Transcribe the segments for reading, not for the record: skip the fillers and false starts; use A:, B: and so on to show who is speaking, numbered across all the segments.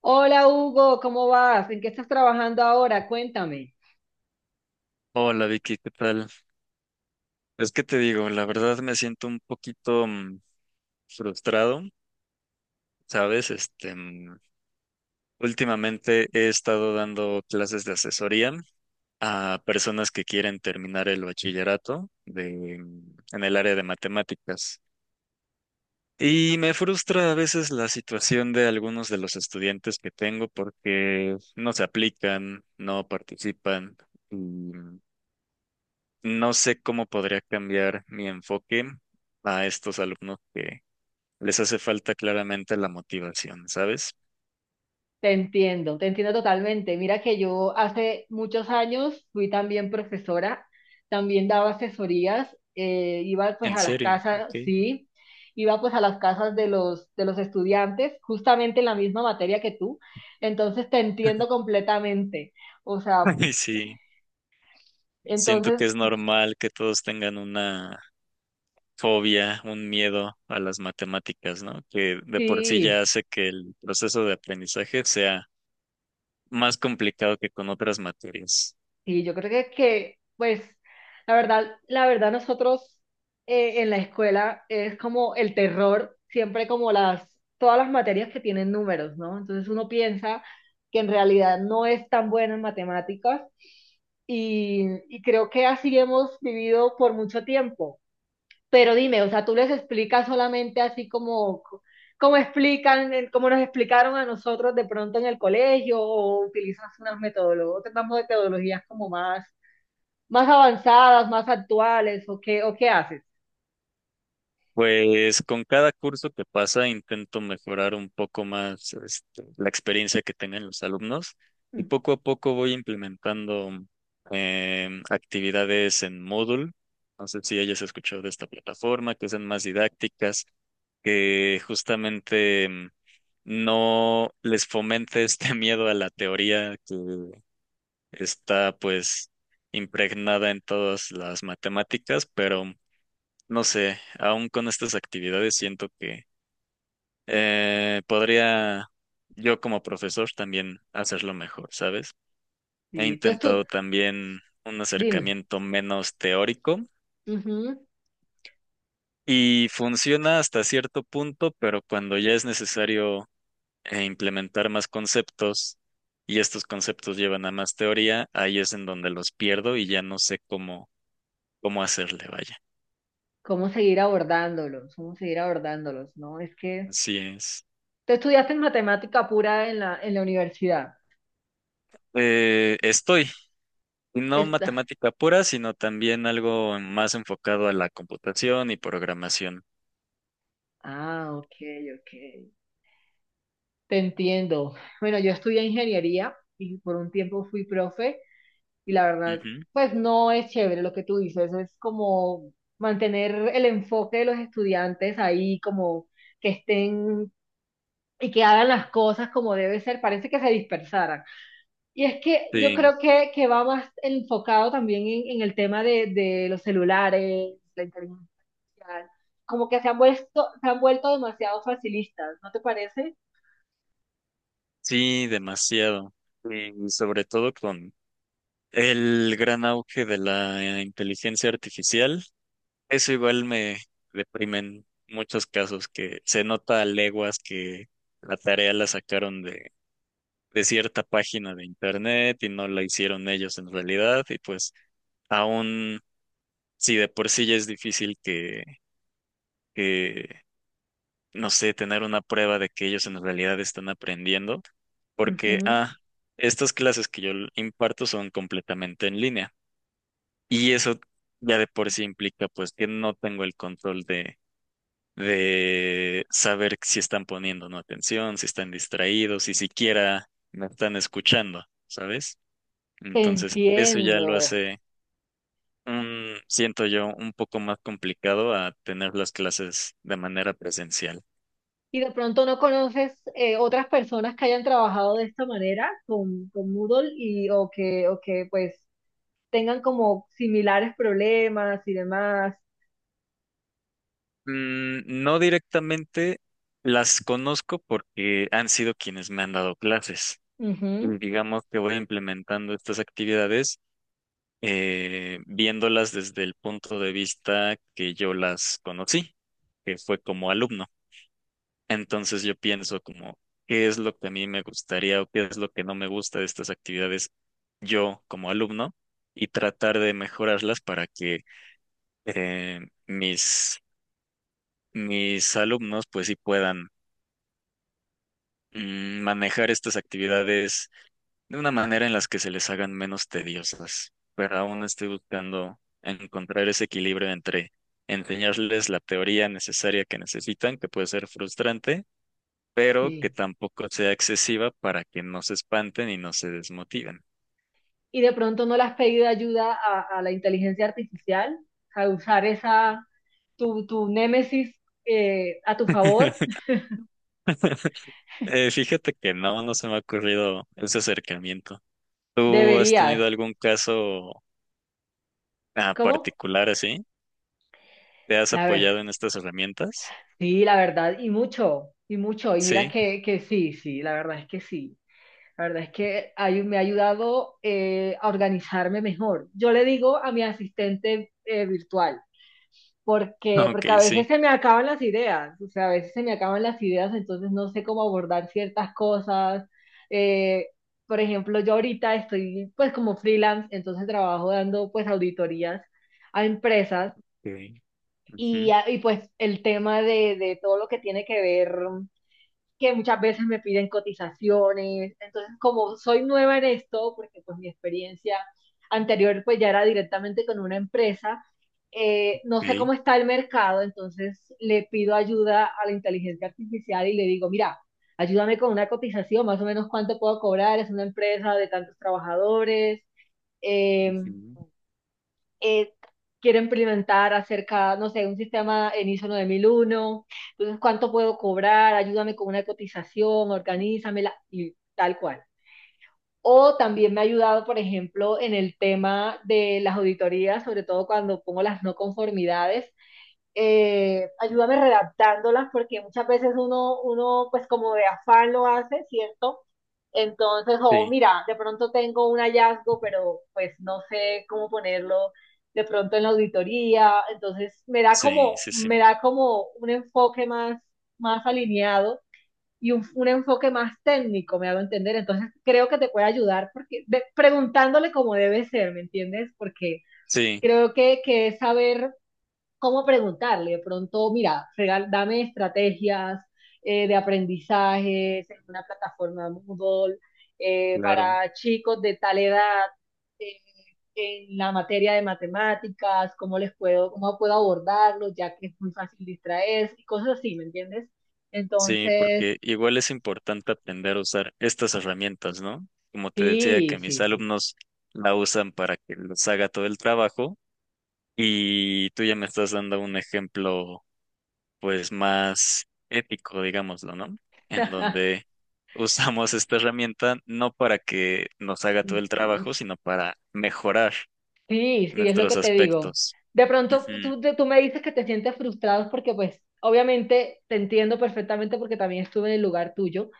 A: Hola Hugo, ¿cómo vas? ¿En qué estás trabajando ahora? Cuéntame.
B: Hola Vicky, ¿qué tal? Es que te digo, la verdad me siento un poquito frustrado, ¿sabes? Últimamente he estado dando clases de asesoría a personas que quieren terminar el bachillerato en el área de matemáticas. Y me frustra a veces la situación de algunos de los estudiantes que tengo porque no se aplican, no participan. No sé cómo podría cambiar mi enfoque a estos alumnos que les hace falta claramente la motivación, ¿sabes?
A: Te entiendo totalmente. Mira que yo hace muchos años fui también profesora, también daba asesorías, iba pues
B: En
A: a las
B: serio,
A: casas,
B: ok.
A: sí, iba pues a las casas de los estudiantes, justamente en la misma materia que tú. Entonces te entiendo completamente. O sea,
B: Y sí, siento
A: entonces
B: que es normal que todos tengan una fobia, un miedo a las matemáticas, ¿no? Que de por sí ya
A: sí.
B: hace que el proceso de aprendizaje sea más complicado que con otras materias.
A: Sí, yo creo pues, la verdad nosotros en la escuela es como el terror, siempre todas las materias que tienen números, ¿no? Entonces uno piensa que en realidad no es tan bueno en matemáticas y creo que así hemos vivido por mucho tiempo. Pero dime, o sea, tú les explicas solamente así como explican, como nos explicaron a nosotros de pronto en el colegio o utilizas unas metodologías, otras metodologías como más avanzadas, más actuales, o qué haces.
B: Pues con cada curso que pasa intento mejorar un poco más este, la experiencia que tengan los alumnos y
A: Mm.
B: poco a poco voy implementando actividades en Moodle. No sé si hayas escuchado de esta plataforma, que sean más didácticas, que justamente no les fomente este miedo a la teoría que está pues impregnada en todas las matemáticas, pero no sé, aún con estas actividades siento que podría yo como profesor también hacerlo mejor, ¿sabes? He
A: Sí, entonces tú,
B: intentado también un
A: dime,
B: acercamiento menos teórico
A: ujú.
B: y funciona hasta cierto punto, pero cuando ya es necesario implementar más conceptos y estos conceptos llevan a más teoría, ahí es en donde los pierdo y ya no sé cómo, cómo hacerle, vaya.
A: ¿Cómo seguir abordándolos? ¿Cómo seguir abordándolos? No, es que
B: Así es.
A: tú estudiaste en matemática pura en la universidad.
B: Estoy No
A: Esta-
B: matemática pura, sino también algo más enfocado a la computación y programación.
A: Ah, ok, ok. Te entiendo. Bueno, yo estudié ingeniería y por un tiempo fui profe y la verdad,
B: Ujú.
A: pues no es chévere lo que tú dices, es como mantener el enfoque de los estudiantes ahí, como que estén y que hagan las cosas como debe ser, parece que se dispersaran. Y es que yo
B: Sí,
A: creo que va más enfocado también en el tema de los celulares, la inteligencia artificial, como que se han vuelto demasiado facilistas, ¿no te parece?
B: sí, demasiado. Sí, y sobre todo con el gran auge de la inteligencia artificial, eso igual me deprime en muchos casos que se nota a leguas que la tarea la sacaron de cierta página de internet y no la hicieron ellos en realidad y pues aún si de por sí ya es difícil que no sé, tener una prueba de que ellos en realidad están aprendiendo, porque,
A: Ujú.
B: ah, estas clases que imparto son completamente en línea. Y eso ya de por sí implica, pues, que no tengo el control de saber si están poniendo o no atención, si están distraídos, si siquiera me están escuchando, ¿sabes?
A: Te
B: Entonces, eso ya lo
A: entiendo.
B: hace un, siento yo, un poco más complicado a tener las clases de manera presencial.
A: Y de pronto no conoces otras personas que hayan trabajado de esta manera con Moodle y o que pues tengan como similares problemas y demás.
B: Mm, no directamente las conozco porque han sido quienes me han dado clases.
A: Ujú.
B: Y digamos que voy implementando estas actividades viéndolas desde el punto de vista que yo las conocí, que fue como alumno. Entonces yo pienso como, ¿qué es lo que a mí me gustaría o qué es lo que no me gusta de estas actividades yo como alumno? Y tratar de mejorarlas para que eh, mis, mis alumnos pues sí puedan manejar estas actividades de una manera en las que se les hagan menos tediosas, pero aún estoy buscando encontrar ese equilibrio entre enseñarles la teoría necesaria que necesitan, que puede ser frustrante, pero que
A: Sí.
B: tampoco sea excesiva para que no se espanten y no se desmotiven.
A: Y de pronto no le has pedido ayuda a la inteligencia artificial, a usar esa, tu némesis a tu favor,
B: Fíjate que no, no se me ha ocurrido ese acercamiento. ¿Tú has
A: deberías.
B: tenido algún caso
A: ¿Cómo?
B: particular así? ¿Te has
A: La ver,
B: apoyado en estas herramientas?
A: sí, la verdad, y mucho, y mucho. Y mira
B: Sí,
A: que sí, sí, la verdad es que sí. La verdad es que me ha ayudado a organizarme mejor. Yo le digo a mi asistente virtual, porque,
B: ok,
A: porque a veces
B: sí.
A: se me acaban las ideas, o sea, a veces se me acaban las ideas, entonces no sé cómo abordar ciertas cosas. Eh, por ejemplo, yo ahorita estoy pues como freelance, entonces trabajo dando pues auditorías a empresas
B: Okay.
A: y,
B: Ujú,
A: a- y pues el tema de todo lo que tiene que ver que muchas veces me piden cotizaciones. Entonces, como soy nueva en esto, porque pues mi experiencia anterior pues ya era directamente con una empresa, no sé cómo
B: ok,
A: está el mercado, entonces le pido ayuda a la inteligencia artificial y le digo, mira, ayúdame con una cotización, más o menos cuánto puedo cobrar, es una empresa de tantos trabajadores, eh,
B: ujú,
A: eh, quiero implementar acerca, no sé, un sistema en ISO 9001, entonces cuánto puedo cobrar, ayúdame con una cotización, organízamela y tal cual. O también me ha ayudado, por ejemplo, en el tema de las auditorías, sobre todo cuando pongo las no conformidades, ayúdame redactándolas porque muchas veces uno pues como de afán lo hace, ¿cierto? Entonces, oh,
B: sí,
A: mira, de pronto tengo un hallazgo, pero pues no sé cómo ponerlo de pronto en la auditoría, entonces me da
B: sí,
A: como,
B: sí, sí,
A: me da como un enfoque más alineado y un enfoque más técnico, me hago entender, entonces creo que te puede ayudar porque preguntándole cómo debe ser, ¿me entiendes? Porque
B: sí,
A: creo que es saber cómo preguntarle. De pronto, mira, dame estrategias de aprendizajes en una plataforma Moodle
B: claro,
A: para chicos de tal edad eh, en la materia de matemáticas, cómo les puedo, cómo puedo abordarlo, ya que es muy fácil distraerse y cosas así, ¿me entiendes?
B: sí,
A: Entonces,
B: porque igual es importante aprender a usar estas herramientas, ¿no? Como te decía,
A: sí,
B: que mis
A: sí, sí.
B: alumnos la usan para que les haga todo el trabajo y tú ya me estás dando un ejemplo, pues, más ético, digámoslo, ¿no? En donde usamos esta herramienta no para que nos haga todo el trabajo, sino para mejorar
A: Sí, sí, es lo
B: nuestros
A: que te digo.
B: aspectos.
A: De pronto tú me dices que te sientes frustrado porque pues obviamente te entiendo perfectamente porque también estuve en el lugar tuyo,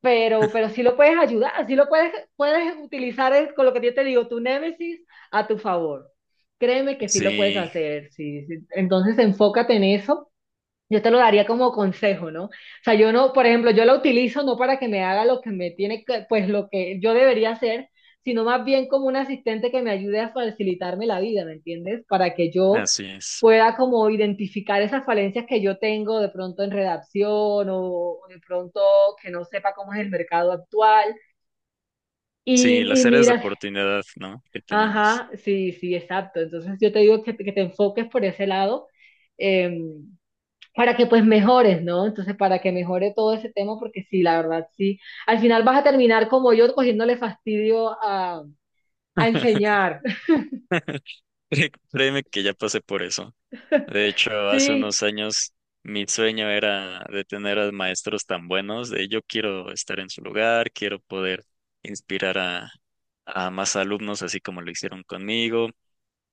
A: pero sí lo puedes ayudar, puedes utilizar con lo que yo te digo, tu némesis a tu favor. Créeme que sí lo puedes
B: Sí,
A: hacer, sí, sí. Entonces enfócate en eso yo te lo daría como consejo, ¿no? O sea, yo no, por ejemplo, yo la utilizo no para que me haga lo que me tiene que, pues lo que yo debería hacer, sino más bien como un asistente que me ayude a facilitarme la vida, ¿me entiendes? Para que yo
B: así es.
A: pueda como identificar esas falencias que yo tengo de pronto en redacción o, de pronto que no sepa cómo es el mercado actual. Y,
B: Sí,
A: y
B: las áreas de
A: mira,
B: oportunidad, ¿no? Que tenemos.
A: ajá, sí, sí, exacto. Entonces yo te digo que te enfoques por ese lado. em, para que pues mejores, ¿no? Entonces, para que mejore todo ese tema, porque sí, la verdad, sí. Al final vas a terminar como yo, cogiéndole fastidio a enseñar.
B: Créeme que ya pasé por eso. De hecho, hace
A: Sí,
B: unos años mi sueño era de tener a maestros tan buenos, de yo quiero estar en su lugar, quiero poder inspirar a más alumnos, así como lo hicieron conmigo,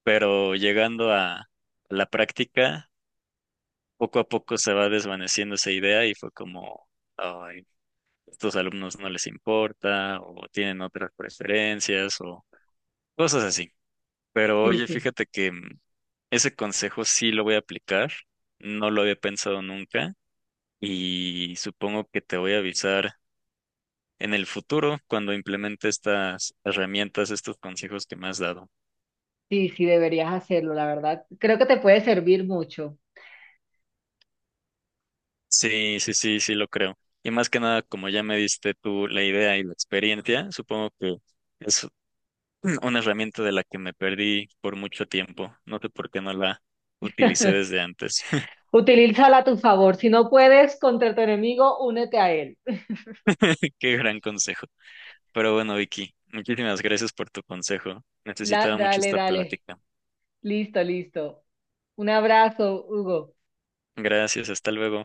B: pero llegando a la práctica, poco a poco se va desvaneciendo esa idea y fue como, "Ay, estos alumnos no les importa o tienen otras preferencias o cosas así." Pero
A: sí,
B: oye,
A: sí,
B: fíjate que ese consejo sí lo voy a aplicar, no lo había pensado nunca y supongo que te voy a avisar en el futuro cuando implemente estas herramientas, estos consejos que me has dado.
A: sí, sí, deberías hacerlo, la verdad. Creo que te puede servir mucho.
B: Sí, sí, sí, sí lo creo. Y más que nada, como ya me diste tú la idea y la experiencia, supongo que es una herramienta de la que me perdí por mucho tiempo. No sé por qué no la utilicé desde antes.
A: Utilízala a tu favor. Si no puedes contra tu enemigo, únete a él.
B: Qué gran consejo. Pero bueno, Vicky, muchísimas gracias por tu consejo. Necesitaba mucho
A: Dale,
B: esta
A: dale.
B: plática.
A: Listo, listo. Un abrazo, Hugo.
B: Gracias, hasta luego.